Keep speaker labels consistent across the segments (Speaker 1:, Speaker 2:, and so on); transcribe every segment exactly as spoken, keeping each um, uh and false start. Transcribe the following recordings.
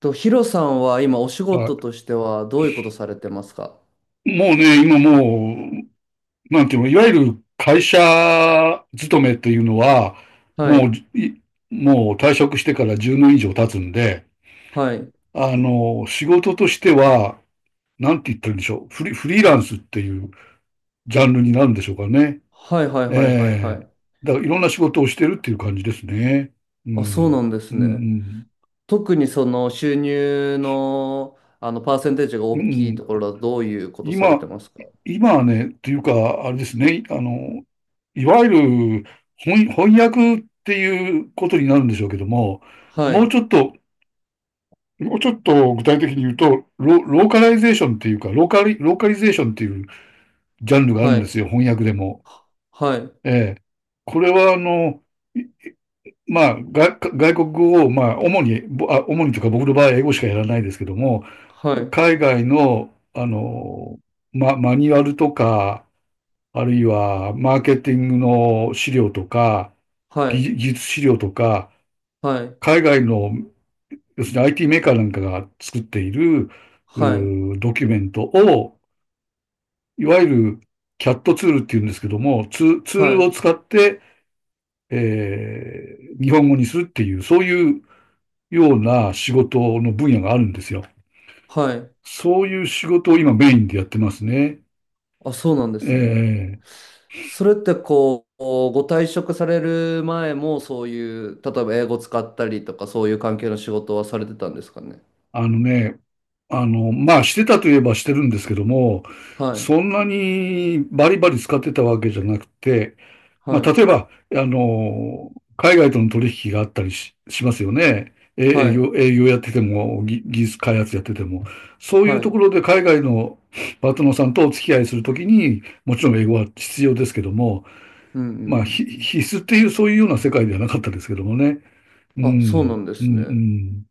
Speaker 1: と、ヒロさんは今お仕事
Speaker 2: あ
Speaker 1: としてはどういうことされてますか？
Speaker 2: い。もうね、今もう、なんていうの、いわゆる会社勤めというのは、
Speaker 1: は
Speaker 2: も
Speaker 1: い。
Speaker 2: う、いもう退職してからじゅうねん以上経つんで、
Speaker 1: はい。
Speaker 2: あの、仕事としては、なんて言ってるんでしょう、フリ、フリーランスっていうジャンルになるんでしょうかね。
Speaker 1: はいはいはいはいは
Speaker 2: ええ
Speaker 1: い。
Speaker 2: だからいろんな仕事をしてるっていう感じですね。う
Speaker 1: あ、そう
Speaker 2: ん。
Speaker 1: なんですね。特にその収入の、あのパーセンテージが
Speaker 2: うん。う
Speaker 1: 大
Speaker 2: ん
Speaker 1: きいとこ
Speaker 2: うん。
Speaker 1: ろはどういうことされて
Speaker 2: 今、
Speaker 1: ますか？
Speaker 2: 今はね、というか、あれですね、あの、いわゆる翻、翻訳っていうことになるんでしょうけども、
Speaker 1: は
Speaker 2: もう
Speaker 1: い。
Speaker 2: ちょっと、もうちょっと具体的に言うと、ロ、ローカライゼーションっていうか、ローカリ、ローカリゼーションっていうジャンルがあるん
Speaker 1: は
Speaker 2: で
Speaker 1: い。
Speaker 2: すよ、翻訳でも。
Speaker 1: はい。
Speaker 2: ええ。これは、あの、いまあ、外、外国語を、まあ、主に、ぼあ、主にというか、僕の場合、英語しかやらないですけども、
Speaker 1: はい。
Speaker 2: 海外の、あの、ま、マニュアルとか、あるいは、マーケティングの資料とか、
Speaker 1: はい。
Speaker 2: 技術資料とか、
Speaker 1: はい。
Speaker 2: 海外の、要するに アイティー メーカーなんかが作っている、
Speaker 1: はい。
Speaker 2: ドキュメントを、いわゆる キャット ツールっていうんですけども、ツツー
Speaker 1: は
Speaker 2: ルを
Speaker 1: い。
Speaker 2: 使って、えー日本語にするっていう、そういうような仕事の分野があるんですよ。
Speaker 1: はい。
Speaker 2: そういう仕事を今メインでやってますね。
Speaker 1: あ、そうなんで
Speaker 2: え
Speaker 1: すね。
Speaker 2: ー
Speaker 1: それってこう、ご退職される前もそういう、例えば英語使ったりとかそういう関係の仕事はされてたんですかね。
Speaker 2: あのね、あの、まあ、してたといえばしてるんですけども、
Speaker 1: はい、
Speaker 2: そんなにバリバリ使ってたわけじゃなくて、ま
Speaker 1: は
Speaker 2: あ、
Speaker 1: い、
Speaker 2: 例えば、あの、海外との取引があったりし、しますよね。え
Speaker 1: は
Speaker 2: 営
Speaker 1: い、
Speaker 2: 業、営業やってても、ぎ技術開発やってても、そうい
Speaker 1: は
Speaker 2: う
Speaker 1: い。う
Speaker 2: とこ
Speaker 1: ん
Speaker 2: ろで海外のパートナーさんとお付き合いするときに、もちろん英語は必要ですけども、
Speaker 1: う
Speaker 2: まあ、
Speaker 1: ん
Speaker 2: ひ
Speaker 1: うん。
Speaker 2: 必須っていうそういうような世界ではなかったですけどもね。う
Speaker 1: あ、そうな
Speaker 2: ん、
Speaker 1: んで
Speaker 2: う
Speaker 1: すね。
Speaker 2: ん、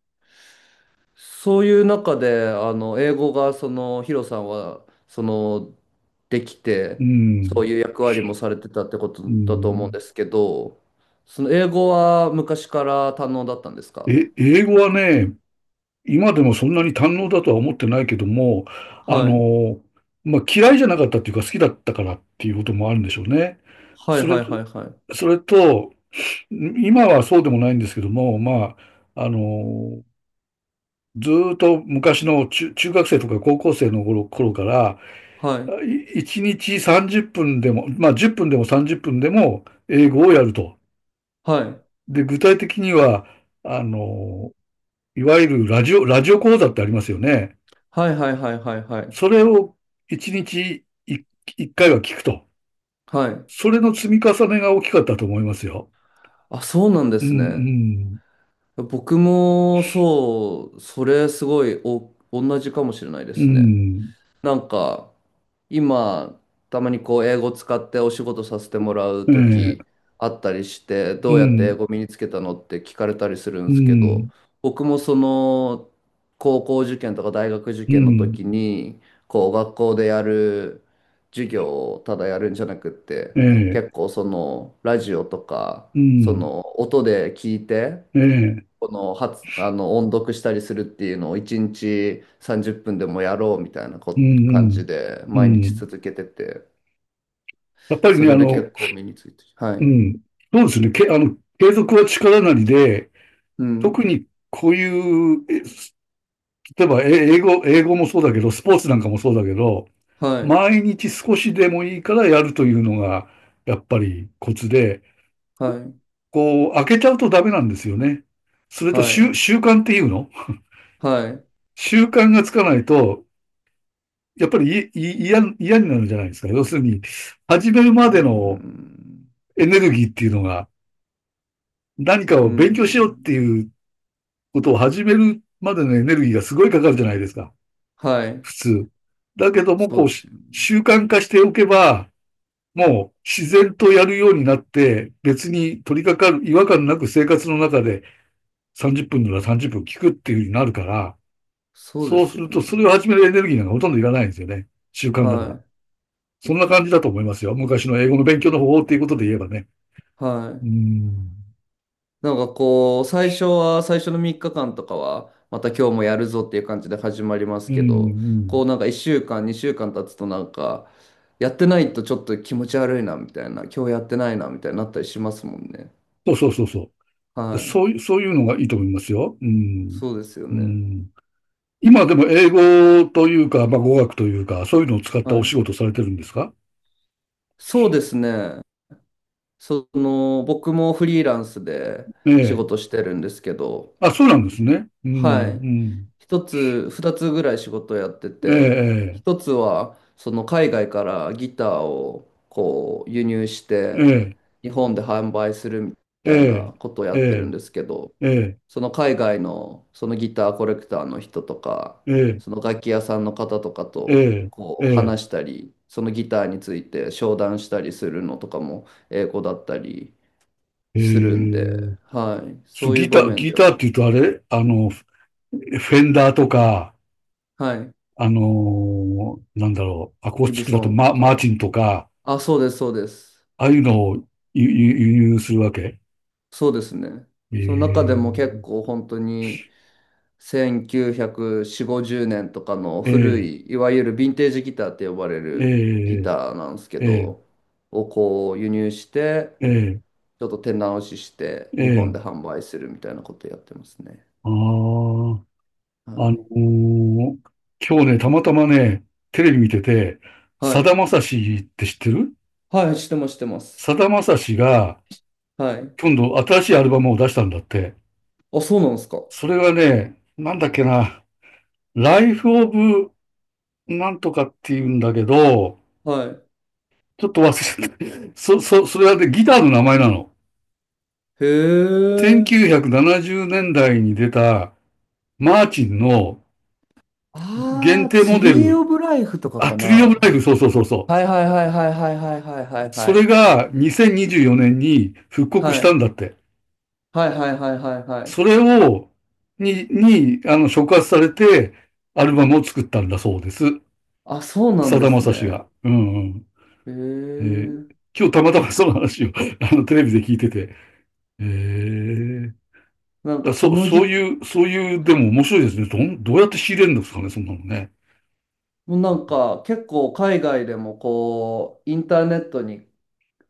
Speaker 1: そういう中で、あの、英語がその、ヒロさんは、その、でき
Speaker 2: う
Speaker 1: て、
Speaker 2: ん、う
Speaker 1: そう
Speaker 2: ん、
Speaker 1: いう役割もされてたってこと
Speaker 2: う
Speaker 1: だと思うん
Speaker 2: ん。
Speaker 1: ですけど、その英語は昔から堪能だったんですか？
Speaker 2: え、英語はね、今でもそんなに堪能だとは思ってないけども、あ
Speaker 1: はい。
Speaker 2: の、まあ、嫌いじゃなかったっていうか好きだったからっていうこともあるんでしょうね。
Speaker 1: はい
Speaker 2: それ、
Speaker 1: はいはいはい。
Speaker 2: それと、今はそうでもないんですけども、まあ、あの、ずーっと昔の中、中学生とか高校生の頃、頃から、
Speaker 1: はい。
Speaker 2: いいちにちさんじゅっぷんでも、まあ、じゅっぷんでもさんじゅっぷんでも英語をやると。
Speaker 1: はい。
Speaker 2: で、具体的には、あの、いわゆるラジオ、ラジオ講座ってありますよね。
Speaker 1: はいはいはいはいはい。
Speaker 2: それをいちにちいっ、回は聞くと。
Speaker 1: はい。
Speaker 2: それの積み重ねが大きかったと思いますよ。
Speaker 1: あ、そうなんで
Speaker 2: う
Speaker 1: すね。
Speaker 2: ん、
Speaker 1: 僕もそう、それすごいお、同じかもしれないで
Speaker 2: う
Speaker 1: すね。
Speaker 2: ん、
Speaker 1: なんか、今、たまにこう、英語使ってお仕事させてもらう
Speaker 2: うん、え
Speaker 1: 時
Speaker 2: ー
Speaker 1: あったりして、
Speaker 2: う
Speaker 1: どうやって英
Speaker 2: ん、
Speaker 1: 語身につけたのって聞かれたりするん
Speaker 2: う
Speaker 1: ですけど、
Speaker 2: ん、
Speaker 1: 僕もその、高校受験とか大学受
Speaker 2: う
Speaker 1: 験の
Speaker 2: ん、
Speaker 1: 時に、こう、学校でやる授業をただやるんじゃなくって、
Speaker 2: え
Speaker 1: 結構その、ラジオとか、
Speaker 2: ーう
Speaker 1: そ
Speaker 2: ん、
Speaker 1: の、音で聞いて、
Speaker 2: えー
Speaker 1: この発、あの音読したりするっていうのをいちにちさんじゅっぷんでもやろうみたいな
Speaker 2: う
Speaker 1: こ
Speaker 2: ん、
Speaker 1: 感じで
Speaker 2: うん、う
Speaker 1: 毎日
Speaker 2: ん。
Speaker 1: 続けてて、
Speaker 2: やっぱり
Speaker 1: そ
Speaker 2: ね、あ
Speaker 1: れで
Speaker 2: の、
Speaker 1: 結構身について。はい。
Speaker 2: うん、そうですね、け、あの、継続は力なりで、
Speaker 1: う
Speaker 2: 特
Speaker 1: ん。
Speaker 2: にこういう、例えば、え英語、英語もそうだけど、スポーツなんかもそうだけど、
Speaker 1: はい。
Speaker 2: 毎日少しでもいいからやるというのが、やっぱりコツで、
Speaker 1: はい。
Speaker 2: こう、開けちゃうとダメなんですよね。それと
Speaker 1: はい。
Speaker 2: 習、習慣っていうの
Speaker 1: はい。
Speaker 2: 習慣がつかないと、やっぱりいい嫌、嫌になるじゃないですか。要するに、始める
Speaker 1: う
Speaker 2: までの
Speaker 1: ん。
Speaker 2: エネルギーっていうのが、何か
Speaker 1: う
Speaker 2: を勉強しようって
Speaker 1: ん。
Speaker 2: いうことを始めるまでのエネルギーがすごいかかるじゃないですか。
Speaker 1: はい。
Speaker 2: 普通。だけども、
Speaker 1: そ
Speaker 2: こ
Speaker 1: う
Speaker 2: う、
Speaker 1: ですよね。
Speaker 2: 習慣化しておけば、もう自然とやるようになって、別に取り掛かる、違和感なく生活の中でさんじゅっぷんならさんじゅっぷん聞くっていう風になるから、
Speaker 1: そうで
Speaker 2: そうす
Speaker 1: すよ
Speaker 2: るとそれを
Speaker 1: ね。
Speaker 2: 始めるエネルギーなんかほとんどいらないんですよね。習慣だから。
Speaker 1: は
Speaker 2: そんな感じだと思いますよ。昔の英語の勉強の方法っていうことで言えばね。
Speaker 1: い。は
Speaker 2: う
Speaker 1: い。
Speaker 2: ん。
Speaker 1: なんかこう、最初は、最初のみっかかんとかは、また今日もやるぞっていう感じで始まりま
Speaker 2: う
Speaker 1: す
Speaker 2: ん、う
Speaker 1: けど、
Speaker 2: ー
Speaker 1: こう
Speaker 2: ん。
Speaker 1: なんかいっしゅうかん、にしゅうかん経つとなんか、やってないとちょっと気持ち悪いなみたいな、今日やってないなみたいになったりしますもんね。
Speaker 2: そうそうそうそ
Speaker 1: は
Speaker 2: う。
Speaker 1: い。
Speaker 2: そういう、そういうのがいいと思いますよ。うーん。
Speaker 1: そうですよ
Speaker 2: うー
Speaker 1: ね。
Speaker 2: ん。今でも英語というか、まあ語学というか、そういうのを使った
Speaker 1: は
Speaker 2: お
Speaker 1: い。
Speaker 2: 仕事されてるんですか？
Speaker 1: そうですね。その、僕もフリーランスで
Speaker 2: え
Speaker 1: 仕
Speaker 2: え。
Speaker 1: 事してるんですけど、
Speaker 2: あ、そうなんですね。う
Speaker 1: はい。
Speaker 2: ん、
Speaker 1: 一つ、二つぐらい仕事をやって
Speaker 2: うん。
Speaker 1: て、
Speaker 2: ええ、
Speaker 1: 一つは、その海外からギターをこう輸入し
Speaker 2: え
Speaker 1: て、
Speaker 2: え、
Speaker 1: 日本で販売するみ
Speaker 2: え
Speaker 1: たい
Speaker 2: え、
Speaker 1: なことをや
Speaker 2: え
Speaker 1: ってるん
Speaker 2: え、
Speaker 1: ですけど、
Speaker 2: ええ、
Speaker 1: その海外のそのギターコレクターの人とか、
Speaker 2: ええ、
Speaker 1: その楽器屋さんの方とかと
Speaker 2: ええ、
Speaker 1: こ
Speaker 2: え
Speaker 1: う
Speaker 2: え、
Speaker 1: 話したり、そのギターについて商談したりするのとかも英語だったり
Speaker 2: え
Speaker 1: するんで、
Speaker 2: え。
Speaker 1: はい。
Speaker 2: そ
Speaker 1: そ
Speaker 2: う、
Speaker 1: ういう
Speaker 2: ギタ
Speaker 1: 場
Speaker 2: ー、
Speaker 1: 面
Speaker 2: ギ
Speaker 1: では、
Speaker 2: ターって言うとあれ、あの、フフェンダーとか、
Speaker 1: はい。
Speaker 2: あのーなんだろう、アコース
Speaker 1: ギ
Speaker 2: ティ
Speaker 1: ブ
Speaker 2: ックだ
Speaker 1: ソ
Speaker 2: と
Speaker 1: ンと
Speaker 2: マ、マーチ
Speaker 1: か、
Speaker 2: ンとか、
Speaker 1: あ、そうです、そうです。
Speaker 2: ああいうのを輸輸輸入するわけ？
Speaker 1: そうですね。
Speaker 2: え
Speaker 1: その中でも結
Speaker 2: え、
Speaker 1: 構本当にせんきゅうひゃくよんじゅう、ごじゅうねんとかの
Speaker 2: え
Speaker 1: 古
Speaker 2: え、
Speaker 1: い、いわゆるヴィンテージギターって呼ばれ
Speaker 2: え
Speaker 1: るギ
Speaker 2: え、
Speaker 1: ターなんですけ
Speaker 2: ええ、
Speaker 1: ど、をこう輸入して、
Speaker 2: ええ、
Speaker 1: ちょっと手直しして
Speaker 2: え
Speaker 1: 日本で
Speaker 2: え、
Speaker 1: 販売するみたいなことやってますね。
Speaker 2: ああ。
Speaker 1: は
Speaker 2: あの
Speaker 1: い。
Speaker 2: ー今日ね、たまたまね、テレビ見てて、
Speaker 1: は
Speaker 2: さだ
Speaker 1: い。
Speaker 2: まさしって知ってる？
Speaker 1: はい、してます、してます。
Speaker 2: さだまさしが、
Speaker 1: はい。
Speaker 2: 今度新しいアルバムを出したんだって。
Speaker 1: あ、そうなんですか。
Speaker 2: それがね、なんだっけな、ライフオブなんとかって言うんだけど、
Speaker 1: はい。
Speaker 2: ちょっと忘れちゃった。そ、そ、それはね、ギターの名前なの。
Speaker 1: へえ。
Speaker 2: せんきゅうひゃくななじゅうねんだいに出た、マーチンの限
Speaker 1: ああ、
Speaker 2: 定モ
Speaker 1: ツ
Speaker 2: デ
Speaker 1: リー
Speaker 2: ル、
Speaker 1: オブライフとか
Speaker 2: あ、
Speaker 1: か
Speaker 2: トリーオブラ
Speaker 1: な。
Speaker 2: イフ、そうそうそうそ
Speaker 1: はい
Speaker 2: う。
Speaker 1: はいはいはいはいはいはいはいは
Speaker 2: それ
Speaker 1: い。
Speaker 2: がにせんにじゅうよねんにじゅうよねんに復
Speaker 1: は
Speaker 2: 刻したん
Speaker 1: い
Speaker 2: だって。
Speaker 1: はいはいはいはいはい。
Speaker 2: それを、に、に、あの、触発されて、アルバムを作ったんだそうです。
Speaker 1: あ、そうなん
Speaker 2: さ
Speaker 1: で
Speaker 2: だま
Speaker 1: す
Speaker 2: さし
Speaker 1: ね。
Speaker 2: が。うんうん。
Speaker 1: へ
Speaker 2: えー
Speaker 1: え。
Speaker 2: 今日たまたまその話を あのテレビで聞いてて。えー、
Speaker 1: なん
Speaker 2: だ
Speaker 1: かそ
Speaker 2: そ
Speaker 1: の
Speaker 2: そう
Speaker 1: ぎ、
Speaker 2: いう、そういう、でも面白いですね。どん、どうやって仕入れるんですかね、そんなのね？
Speaker 1: なんか結構海外でもこう、インターネットに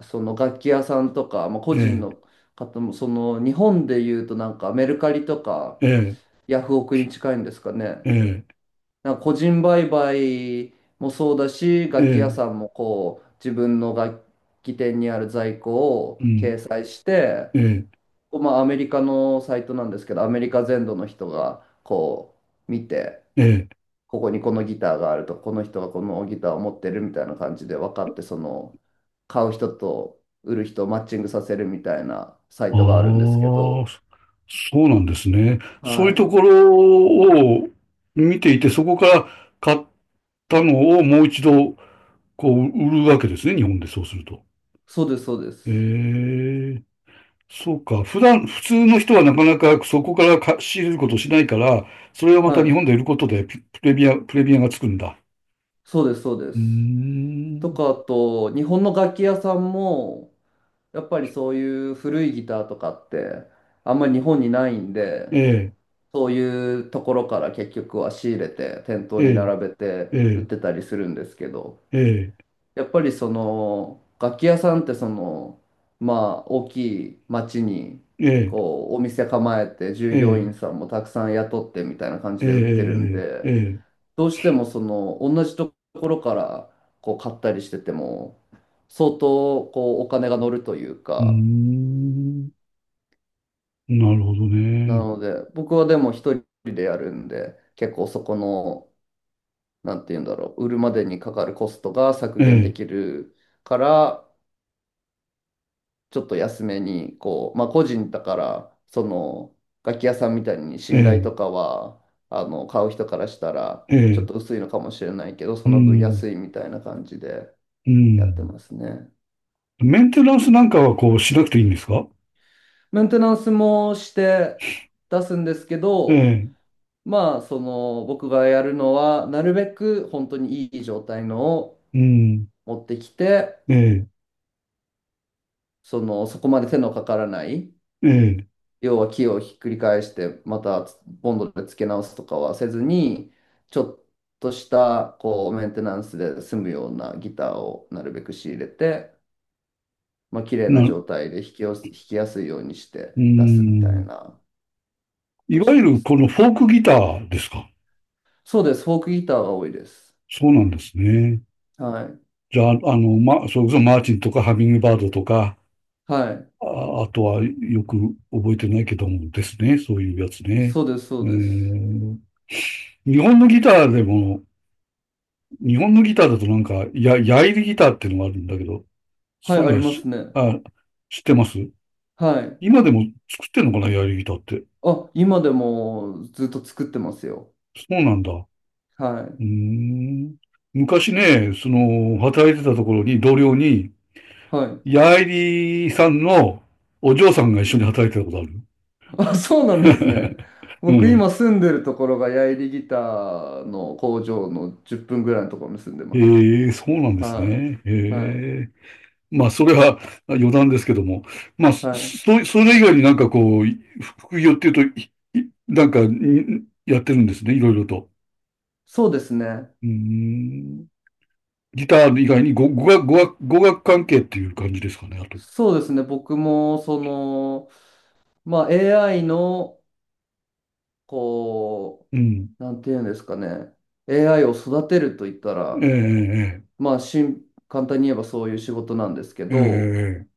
Speaker 1: その楽器屋さんとか、まあ、個人
Speaker 2: え
Speaker 1: の方も、その日本で言うとなんかメルカリとか
Speaker 2: ええ
Speaker 1: ヤフオクに近いんですかね。
Speaker 2: ええ
Speaker 1: なんか個人売買もそうだし、楽器屋
Speaker 2: え
Speaker 1: さ
Speaker 2: え
Speaker 1: んもこう、自分の楽器店にある在庫
Speaker 2: ー
Speaker 1: を
Speaker 2: うん、
Speaker 1: 掲載して、
Speaker 2: ええ
Speaker 1: まあ、アメリカのサイトなんですけど、アメリカ全土の人がこう見て、
Speaker 2: ええ
Speaker 1: ここにこのギターがあると、この人がこのギターを持ってるみたいな感じで分かって、その買う人と売る人をマッチングさせるみたいなサイトがあるんで
Speaker 2: あ
Speaker 1: すけ
Speaker 2: あ、
Speaker 1: ど、
Speaker 2: そそうなんですね。
Speaker 1: は
Speaker 2: そういうと
Speaker 1: い。
Speaker 2: ころを見ていて、そこから買ったのをもう一度こう売るわけですね、日本でそうすると。
Speaker 1: そうです、そうです。
Speaker 2: ええ、そうか。普段、普通の人はなかなかそこからか仕入れることをしないから、それをまた
Speaker 1: は
Speaker 2: 日
Speaker 1: い。
Speaker 2: 本で売ることでピプレミア、プレミアがつくんだ。
Speaker 1: そうです、そうで
Speaker 2: う
Speaker 1: す。
Speaker 2: ー
Speaker 1: と
Speaker 2: ん。
Speaker 1: か、あと、日本の楽器屋さんも、やっぱりそういう古いギターとかって、あんまり日本にないんで、
Speaker 2: ええ、
Speaker 1: そういうところから結局は仕入れて店頭に
Speaker 2: え
Speaker 1: 並べて
Speaker 2: え、
Speaker 1: 売っ
Speaker 2: え
Speaker 1: てたりするんですけど、
Speaker 2: え、
Speaker 1: やっぱりその楽器屋さんってそのまあ大きい町に
Speaker 2: ええ、
Speaker 1: こうお店構えて
Speaker 2: え
Speaker 1: 従業
Speaker 2: え、
Speaker 1: 員さんもたくさん雇ってみたいな感
Speaker 2: え
Speaker 1: じで売ってるん
Speaker 2: え、ええ、ええ、
Speaker 1: で、
Speaker 2: ええ、
Speaker 1: どうしてもその同じところからこう買ったりしてても相当こうお金が乗るという
Speaker 2: うー
Speaker 1: か、
Speaker 2: ん。なるほど
Speaker 1: な
Speaker 2: ね。
Speaker 1: ので僕はでも一人でやるんで結構そこのなんて言うんだろう、売るまでにかかるコストが削
Speaker 2: え
Speaker 1: 減で
Speaker 2: え、
Speaker 1: きるから、ちょっと安めに、こう、まあ個人だから、その、楽器屋さんみたいに信頼と
Speaker 2: え
Speaker 1: かは、あの、買う人からしたら、
Speaker 2: え、え
Speaker 1: ちょっ
Speaker 2: え、
Speaker 1: と薄いのかもしれないけど、
Speaker 2: う
Speaker 1: その分
Speaker 2: ん、
Speaker 1: 安いみたいな感じで
Speaker 2: う
Speaker 1: やって
Speaker 2: ん。
Speaker 1: ますね。
Speaker 2: メンテナンスなんかはこうしなくていいんですか？
Speaker 1: メンテナンスもして出すんですけ
Speaker 2: え
Speaker 1: ど、
Speaker 2: え、
Speaker 1: まあ、その、僕がやるのは、なるべく本当にいい状態のを
Speaker 2: うん、
Speaker 1: 持ってきて、
Speaker 2: ええ、
Speaker 1: その、そこまで手のかからない、
Speaker 2: ええ、
Speaker 1: 要は木をひっくり返してまたボンドで付け直すとかはせずにちょっとしたこうメンテナンスで済むようなギターをなるべく仕入れて、まあ綺麗な
Speaker 2: な、
Speaker 1: 状態で弾きやす、弾きやすいようにして
Speaker 2: う
Speaker 1: 出すみたい
Speaker 2: ん。
Speaker 1: なこ
Speaker 2: い
Speaker 1: とし
Speaker 2: わ
Speaker 1: て
Speaker 2: ゆ
Speaker 1: ま
Speaker 2: る
Speaker 1: す
Speaker 2: こ
Speaker 1: ね。
Speaker 2: のフォークギターですか？
Speaker 1: そうです。フォークギターが多いです。
Speaker 2: そうなんですね。
Speaker 1: はい。
Speaker 2: じゃあ、あの、ま、それこそマーチンとかハミングバードとか、
Speaker 1: はい。
Speaker 2: あ、あとはよく覚えてないけどもですね。そういうやつね。
Speaker 1: そうです、そ
Speaker 2: え
Speaker 1: うです。
Speaker 2: ー、日本のギターでも、日本のギターだとなんか、や、ヤイリギターっていうのがあるんだけど、
Speaker 1: はい、
Speaker 2: そういう
Speaker 1: あ
Speaker 2: の
Speaker 1: り
Speaker 2: は
Speaker 1: ます
Speaker 2: し、
Speaker 1: ね。
Speaker 2: あ、知ってます？
Speaker 1: はい。
Speaker 2: 今でも作ってんのかな、エアリギターって。
Speaker 1: あ、今でもずっと作ってますよ。
Speaker 2: そうなんだ。う
Speaker 1: はい。
Speaker 2: ーん。昔ね、その、働いてたところに、同僚に、
Speaker 1: はい。
Speaker 2: ヤエリさんのお嬢さんが一緒に働いてたことあ
Speaker 1: あ、そう
Speaker 2: る。
Speaker 1: なんですね。
Speaker 2: う
Speaker 1: 僕
Speaker 2: ん。
Speaker 1: 今住んでるところがヤイリギターの工場のじゅっぷんぐらいのところに住んでます。
Speaker 2: へえ、そうなんです
Speaker 1: は
Speaker 2: ね。
Speaker 1: い。はい。
Speaker 2: ええ。まあ、それはあ余談ですけども。まあ、そ、
Speaker 1: はい。
Speaker 2: そそれ以外になんかこう、い副業っていうと、いいなんか、いやってるんですね、いろいろと。
Speaker 1: そうですね。
Speaker 2: うーん。ギター以外に語、語学、語学、語学関係っていう感じですかね、あと？
Speaker 1: そうですね。僕もその、まあ エーアイ のこ
Speaker 2: うん。
Speaker 1: う、なんていうんですかね。エーアイ を育てると言った
Speaker 2: え
Speaker 1: ら、
Speaker 2: え、
Speaker 1: まあしん、簡単に言えばそういう仕事なんですけ
Speaker 2: え
Speaker 1: ど、
Speaker 2: え、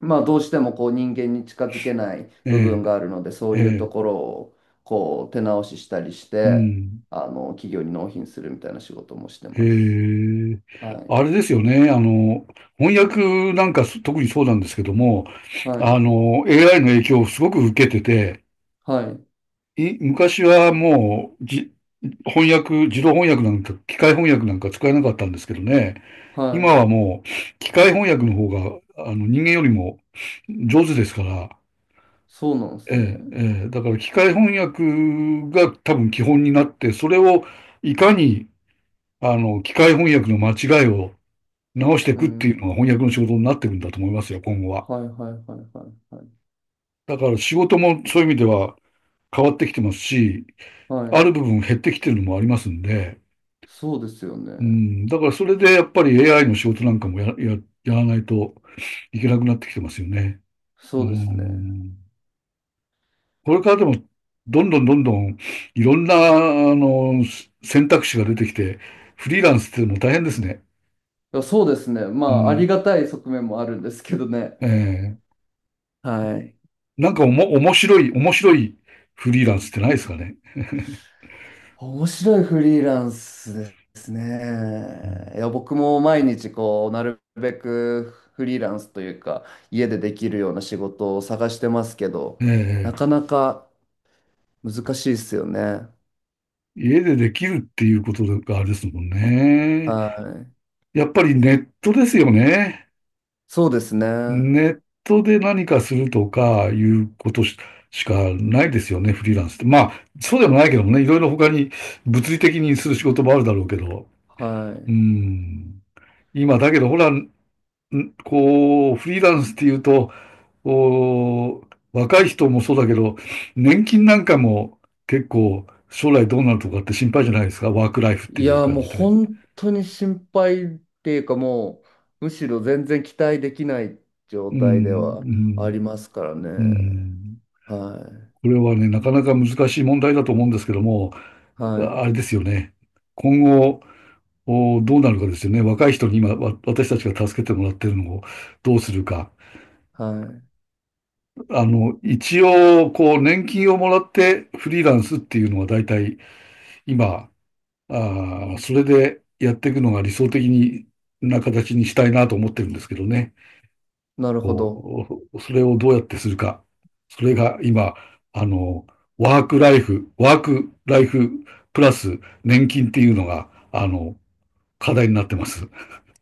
Speaker 1: まあ、どうしてもこう人間に近づけない
Speaker 2: え
Speaker 1: 部分
Speaker 2: え、
Speaker 1: があるので、そ
Speaker 2: え
Speaker 1: ういうと
Speaker 2: え、
Speaker 1: こ
Speaker 2: ええ、
Speaker 1: ろをこう手直ししたりし
Speaker 2: う
Speaker 1: て、
Speaker 2: ん。
Speaker 1: あの企業に納品するみたいな仕事もして
Speaker 2: え
Speaker 1: ます。
Speaker 2: え。
Speaker 1: はい。
Speaker 2: あれですよね、あの、翻訳なんかす特にそうなんですけども、
Speaker 1: は
Speaker 2: あ
Speaker 1: い。
Speaker 2: の、エーアイ の影響をすごく受けてて、
Speaker 1: はい。
Speaker 2: い、昔はもう、じ、翻訳、自動翻訳なんか、機械翻訳なんか使えなかったんですけどね、
Speaker 1: は
Speaker 2: 今
Speaker 1: い。
Speaker 2: はもう、機械翻訳の方が、あの、人間よりも上手ですから、
Speaker 1: そうなんです
Speaker 2: え
Speaker 1: ね。
Speaker 2: え、ええ、だから機械翻訳が多分基本になって、それをいかにあの機械翻訳の間違いを直してい
Speaker 1: う
Speaker 2: くっていうのが翻
Speaker 1: ん。
Speaker 2: 訳の仕事になっていくんだと思いますよ、今後は。
Speaker 1: はいはいはいはいはい。
Speaker 2: だから仕事もそういう意味では変わってきてますし、
Speaker 1: は
Speaker 2: あ
Speaker 1: い。
Speaker 2: る部分減ってきてるのもありますんで、
Speaker 1: そうですよね。
Speaker 2: うん、だからそれでやっぱり エーアイ の仕事なんかもや、や、やらないといけなくなってきてますよね。う
Speaker 1: そうですね。
Speaker 2: ん。これからでも、どんどんどんどん、いろんな、あの、選択肢が出てきて、フリーランスっていうのも大変ですね。
Speaker 1: いやそうですね。ま
Speaker 2: う
Speaker 1: あ、あり
Speaker 2: ん。
Speaker 1: がたい側面もあるんですけどね。
Speaker 2: ええ、
Speaker 1: はい。
Speaker 2: なんかおも、面白い、面白いフリーランスってないですかね？
Speaker 1: 面白いフリーランスです
Speaker 2: うん。
Speaker 1: ね。いや、僕も毎日こう、なるべくフリーランスというか、家でできるような仕事を探してますけど、な
Speaker 2: ええ。
Speaker 1: かなか難しいですよね。
Speaker 2: 家でできるっていうことがあれですもん
Speaker 1: は
Speaker 2: ね。
Speaker 1: い。
Speaker 2: やっぱりネットですよね。
Speaker 1: そうですね。
Speaker 2: ネットで何かするとかいうことし、しかないですよね、フリーランスって。まあ、そうでもないけどもね、いろいろ他に物理的にする仕事もあるだろうけど。う
Speaker 1: は
Speaker 2: ん。今、だけど、ほら、んこう、フリーランスっていうと、こう若い人もそうだけど、年金なんかも結構将来どうなるとかって心配じゃないですか、ワークライフっ
Speaker 1: い。
Speaker 2: て
Speaker 1: い
Speaker 2: いう
Speaker 1: や、
Speaker 2: 感
Speaker 1: もう
Speaker 2: じで。
Speaker 1: 本当に心配っていうか、もう、むしろ全然期待できない状
Speaker 2: う
Speaker 1: 態で
Speaker 2: ん、
Speaker 1: は
Speaker 2: う
Speaker 1: あ
Speaker 2: ん、
Speaker 1: りますから
Speaker 2: う
Speaker 1: ね。
Speaker 2: ん。
Speaker 1: は
Speaker 2: これはね、なかなか難しい問題だと思うんですけども、
Speaker 1: い。は
Speaker 2: あ
Speaker 1: い。
Speaker 2: あれですよね。今後、おどうなるかですよね。若い人に今、わ私たちが助けてもらってるのをどうするか。
Speaker 1: は
Speaker 2: あの、一応、こう、年金をもらってフリーランスっていうのは大体今、あーそれでやっていくのが理想的にな形にしたいなと思ってるんですけどね。
Speaker 1: い。なるほど。
Speaker 2: こうそれをどうやってするか。それが今、あの、ワークライフ、ワークライフプラス年金っていうのが、あの、課題になってます。